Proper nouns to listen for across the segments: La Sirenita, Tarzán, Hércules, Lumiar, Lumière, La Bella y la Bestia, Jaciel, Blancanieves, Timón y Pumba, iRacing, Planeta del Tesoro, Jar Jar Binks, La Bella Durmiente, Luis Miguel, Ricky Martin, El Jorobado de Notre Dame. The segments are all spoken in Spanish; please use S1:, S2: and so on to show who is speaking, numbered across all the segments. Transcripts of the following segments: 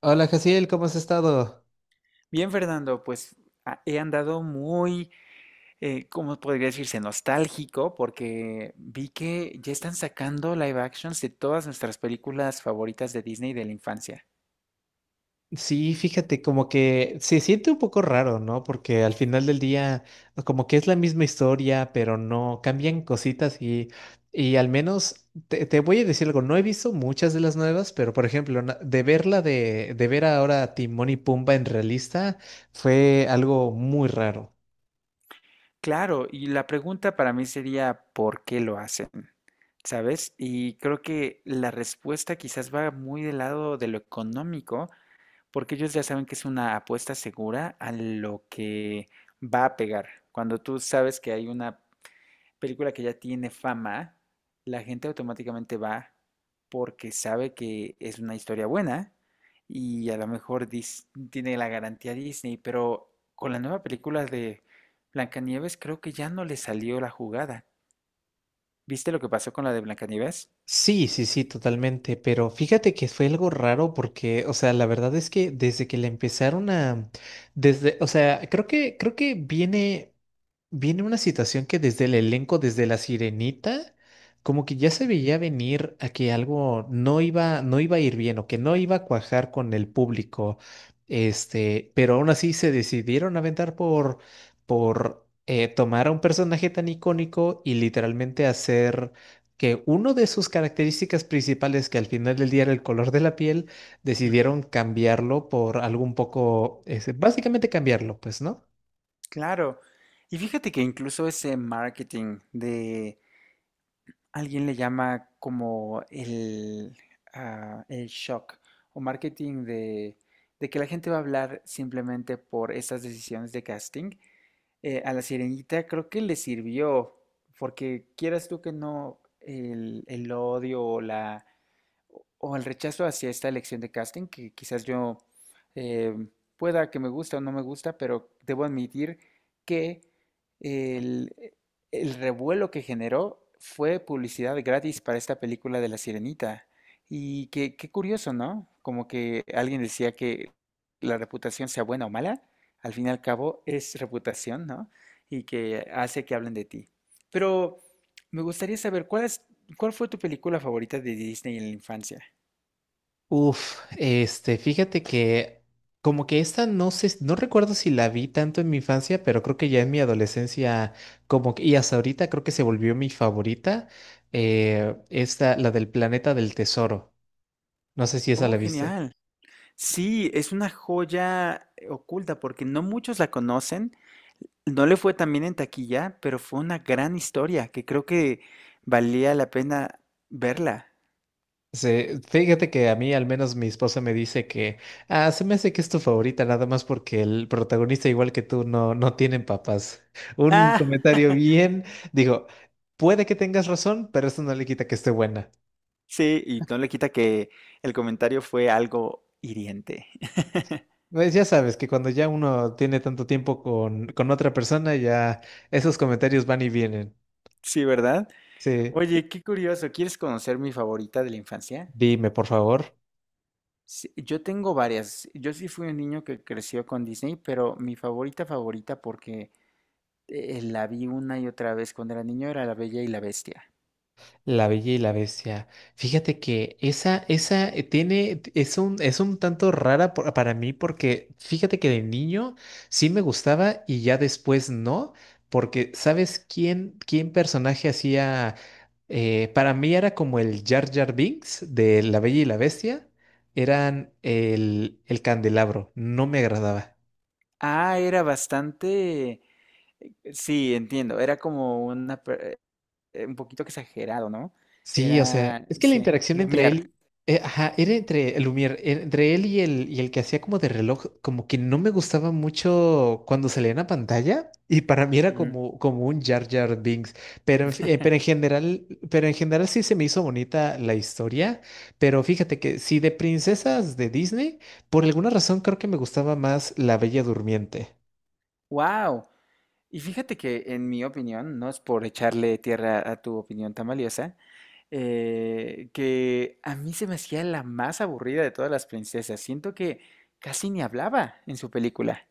S1: Hola, Jaciel, ¿cómo has estado?
S2: Bien, Fernando, pues he andado muy, ¿cómo podría decirse? Nostálgico, porque vi que ya están sacando live actions de todas nuestras películas favoritas de Disney de la infancia.
S1: Sí, fíjate, como que se siente un poco raro, ¿no? Porque al final del día, como que es la misma historia, pero no cambian cositas y al menos te voy a decir algo, no he visto muchas de las nuevas, pero por ejemplo, de de ver ahora a Timón y Pumba en realista fue algo muy raro.
S2: Claro, y la pregunta para mí sería, ¿por qué lo hacen? ¿Sabes? Y creo que la respuesta quizás va muy del lado de lo económico, porque ellos ya saben que es una apuesta segura a lo que va a pegar. Cuando tú sabes que hay una película que ya tiene fama, la gente automáticamente va porque sabe que es una historia buena y a lo mejor tiene la garantía Disney, pero con la nueva película de Blancanieves creo que ya no le salió la jugada. ¿Viste lo que pasó con la de Blancanieves?
S1: Sí, sí, sí, totalmente, pero fíjate que fue algo raro porque, o sea, la verdad es que desde que le empezaron a, desde, o sea, creo que viene una situación que desde el elenco, desde La Sirenita, como que ya se veía venir a que algo no iba a ir bien o que no iba a cuajar con el público. Pero aún así se decidieron aventar por tomar a un personaje tan icónico y literalmente hacer que uno de sus características principales, que al final del día era el color de la piel,
S2: Ujú.
S1: decidieron cambiarlo por algo un poco, básicamente cambiarlo, pues, ¿no?
S2: Claro. Y fíjate que incluso ese marketing de alguien le llama como el shock o marketing de que la gente va a hablar simplemente por estas decisiones de casting. A la Sirenita creo que le sirvió, porque quieras tú que no, el odio o la o el rechazo hacia esta elección de casting, que quizás yo eh, pueda que me gusta o no me gusta, pero debo admitir que el, el revuelo que generó fue publicidad gratis para esta película de La Sirenita. Y qué curioso, ¿no? Como que alguien decía que la reputación sea buena o mala, al fin y al cabo es reputación, ¿no? Y que hace que hablen de ti. Pero me gustaría saber ¿cuál fue tu película favorita de Disney en la infancia?
S1: Uf, fíjate que como que esta no sé, no recuerdo si la vi tanto en mi infancia, pero creo que ya en mi adolescencia, como que, y hasta ahorita creo que se volvió mi favorita, esta, la del planeta del tesoro. No sé si esa
S2: Oh,
S1: la viste.
S2: genial. Sí, es una joya oculta porque no muchos la conocen. No le fue tan bien en taquilla, pero fue una gran historia que creo que valía la pena verla.
S1: Fíjate que a mí, al menos mi esposa me dice que, se me hace que es tu favorita, nada más porque el protagonista, igual que tú, no, no tienen papás. Un
S2: Ah,
S1: comentario bien, digo, puede que tengas razón, pero eso no le quita que esté buena.
S2: sí, y no le quita que el comentario fue algo hiriente.
S1: Pues ya sabes que cuando ya uno tiene tanto tiempo con otra persona, ya esos comentarios van y vienen.
S2: Sí, ¿verdad?
S1: Sí,
S2: Oye, qué curioso. ¿Quieres conocer mi favorita de la infancia?
S1: dime, por favor.
S2: Sí, yo tengo varias. Yo sí fui un niño que creció con Disney, pero mi favorita favorita porque la vi una y otra vez cuando era niño era La Bella y la Bestia.
S1: La Bella y la Bestia. Fíjate que esa tiene, es un tanto rara para mí porque fíjate que de niño sí me gustaba y ya después no, porque ¿sabes quién personaje hacía? Para mí era como el Jar Jar Binks de La Bella y la Bestia, eran el candelabro, no me agradaba.
S2: Ah, era bastante. Sí, entiendo. Era como un poquito exagerado, ¿no?
S1: Sí, o sea,
S2: Era.
S1: es que la
S2: Sí,
S1: interacción entre
S2: Lumiar.
S1: él, ajá, era entre el Lumière, era entre él y y el que hacía como de reloj, como que no me gustaba mucho cuando salía en la pantalla y para mí era como, como un Jar Jar Binks, pero pero pero en general sí se me hizo bonita la historia, pero fíjate que si de princesas de Disney, por alguna razón creo que me gustaba más La Bella Durmiente.
S2: Wow. Y fíjate que en mi opinión, no es por echarle tierra a tu opinión tan valiosa, que a mí se me hacía la más aburrida de todas las princesas. Siento que casi ni hablaba en su película.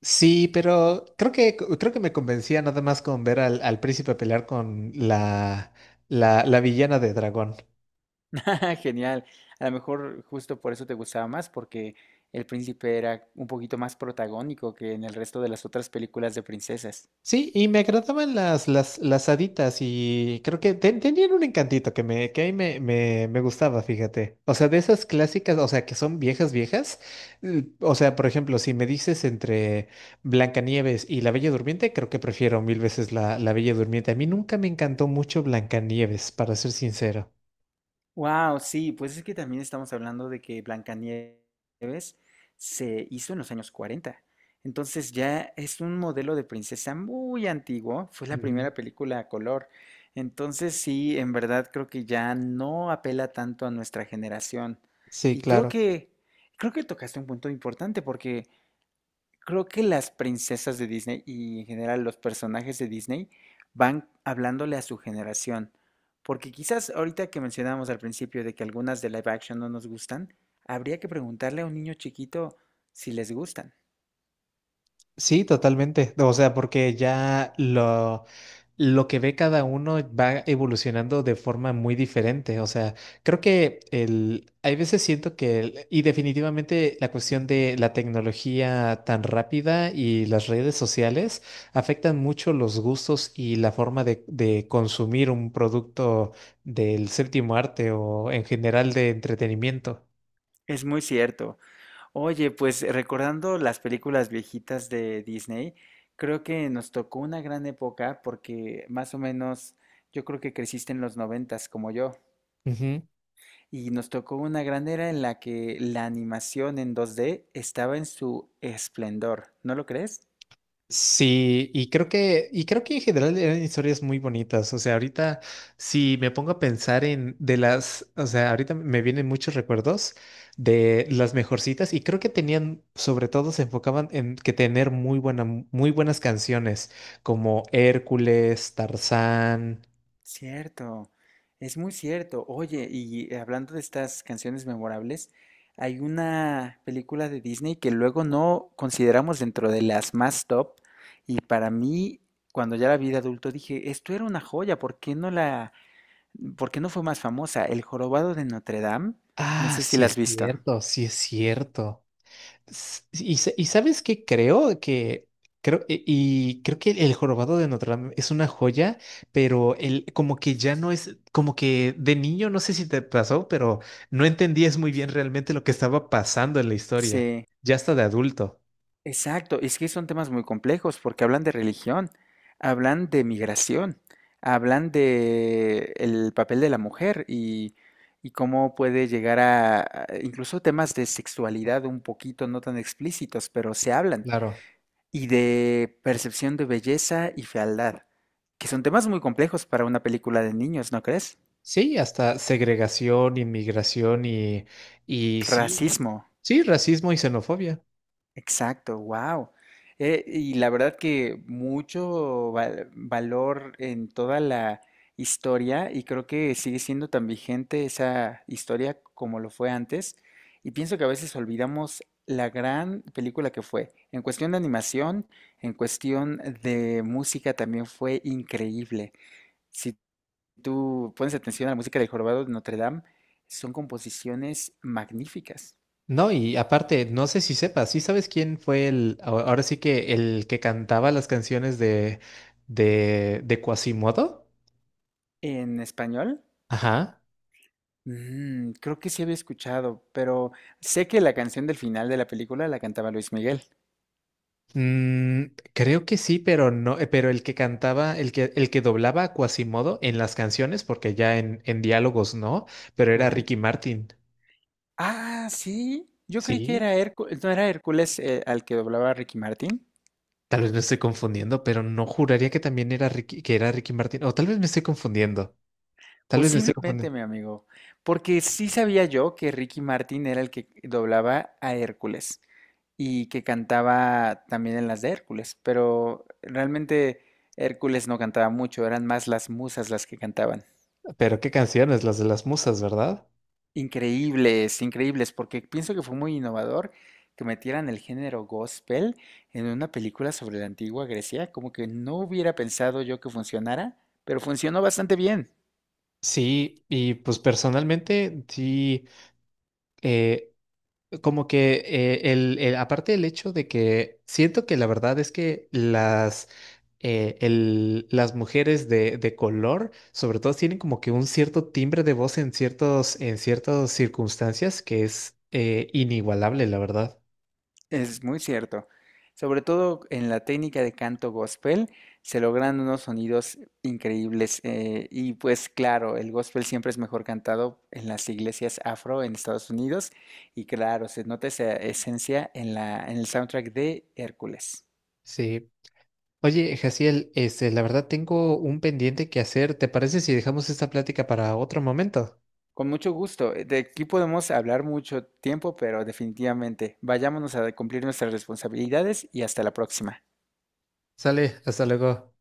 S1: Sí, pero creo que me convencía nada más con ver al príncipe pelear con la villana de dragón.
S2: Jaja, genial. A lo mejor justo por eso te gustaba más, porque el príncipe era un poquito más protagónico que en el resto de las otras películas de princesas.
S1: Sí, y me agradaban las haditas y creo que tenían un encantito que a me gustaba, fíjate. O sea, de esas clásicas, o sea, que son viejas, viejas. O sea, por ejemplo, si me dices entre Blancanieves y La Bella Durmiente, creo que prefiero mil veces la Bella Durmiente. A mí nunca me encantó mucho Blancanieves, para ser sincero.
S2: Wow, sí, pues es que también estamos hablando de que Blancanieves se hizo en los años 40. Entonces ya es un modelo de princesa muy antiguo, fue la
S1: Ujú.
S2: primera película a color. Entonces sí, en verdad creo que ya no apela tanto a nuestra generación.
S1: Sí,
S2: Y creo
S1: claro.
S2: que creo que tocaste un punto importante porque creo que las princesas de Disney y en general los personajes de Disney van hablándole a su generación. Porque quizás ahorita que mencionábamos al principio de que algunas de live action no nos gustan, habría que preguntarle a un niño chiquito si les gustan.
S1: Sí, totalmente. O sea, lo que ve cada uno va evolucionando de forma muy diferente. O sea, creo que hay veces siento y definitivamente la cuestión de la tecnología tan rápida y las redes sociales afectan mucho los gustos y la forma de consumir un producto del séptimo arte o en general de entretenimiento.
S2: Es muy cierto. Oye, pues recordando las películas viejitas de Disney, creo que nos tocó una gran época porque más o menos yo creo que creciste en los 90 como yo. Y nos tocó una gran era en la que la animación en 2D estaba en su esplendor, ¿no lo crees?
S1: Sí, y creo que en general eran historias muy bonitas. O sea, ahorita si me pongo a pensar en de las, o sea, ahorita me vienen muchos recuerdos de las mejorcitas y creo que tenían, sobre todo se enfocaban en que tener muy muy buenas canciones como Hércules, Tarzán.
S2: Cierto, es muy cierto. Oye, y hablando de estas canciones memorables, hay una película de Disney que luego no consideramos dentro de las más top, y para mí, cuando ya la vi de adulto, dije, esto era una joya, ¿por qué no fue más famosa? El Jorobado de Notre Dame, no
S1: Ah,
S2: sé si
S1: sí
S2: la has
S1: es
S2: visto.
S1: cierto, sí es cierto. Y sabes qué creo que creo y creo que el jorobado de Notre Dame es una joya, pero el como que ya no es como que de niño no sé si te pasó, pero no entendías muy bien realmente lo que estaba pasando en la historia,
S2: Sí.
S1: ya hasta de adulto.
S2: Exacto, es que son temas muy complejos porque hablan de religión, hablan de migración, hablan de el papel de la mujer y cómo puede llegar a, incluso temas de sexualidad un poquito no tan explícitos, pero se hablan,
S1: Claro.
S2: y de percepción de belleza y fealdad, que son temas muy complejos para una película de niños, ¿no crees?
S1: Sí, hasta segregación, inmigración y sí,
S2: Racismo.
S1: sí, racismo y xenofobia.
S2: Exacto, wow. Y la verdad que mucho valor en toda la historia y creo que sigue siendo tan vigente esa historia como lo fue antes. Y pienso que a veces olvidamos la gran película que fue. En cuestión de animación, en cuestión de música también fue increíble. Si tú pones atención a la música del Jorobado de Notre Dame, son composiciones magníficas.
S1: No, y aparte, no sé si sepas, ¿sí sabes quién fue ahora sí que el que cantaba las canciones de Quasimodo?
S2: En español.
S1: Ajá.
S2: Creo que sí había escuchado, pero sé que la canción del final de la película la cantaba Luis Miguel.
S1: Mm, creo que sí, pero no, pero el que cantaba, el que doblaba a Quasimodo en las canciones, porque ya en diálogos no, pero era
S2: Ajá.
S1: Ricky Martin.
S2: Ah, sí. Yo creí que
S1: Sí,
S2: era Hércules, no era Hércules al que doblaba Ricky Martin.
S1: tal vez me estoy confundiendo, pero no juraría que también era que era Ricky Martin, o tal vez me estoy confundiendo, tal vez me estoy
S2: Posiblemente,
S1: confundiendo,
S2: mi amigo, porque sí sabía yo que Ricky Martin era el que doblaba a Hércules y que cantaba también en las de Hércules, pero realmente Hércules no cantaba mucho, eran más las musas las que cantaban.
S1: pero qué canciones, las de las musas, ¿verdad?
S2: Increíbles, increíbles, porque pienso que fue muy innovador que metieran el género gospel en una película sobre la antigua Grecia, como que no hubiera pensado yo que funcionara, pero funcionó bastante bien.
S1: Sí, y pues personalmente, sí, eh, como que el- aparte del hecho de que siento que la verdad es que las mujeres de color, sobre todo, tienen como que un cierto timbre de voz en en ciertas circunstancias que es inigualable, la verdad.
S2: Es muy cierto. Sobre todo en la técnica de canto gospel se logran unos sonidos increíbles. Y pues claro, el gospel siempre es mejor cantado en las iglesias afro en Estados Unidos. Y claro, se nota esa esencia en la, en el soundtrack de Hércules.
S1: Sí. Oye, Jaciel, la verdad tengo un pendiente que hacer. ¿Te parece si dejamos esta plática para otro momento?
S2: Con mucho gusto. De aquí podemos hablar mucho tiempo, pero definitivamente vayámonos a cumplir nuestras responsabilidades y hasta la próxima.
S1: Sale, hasta luego.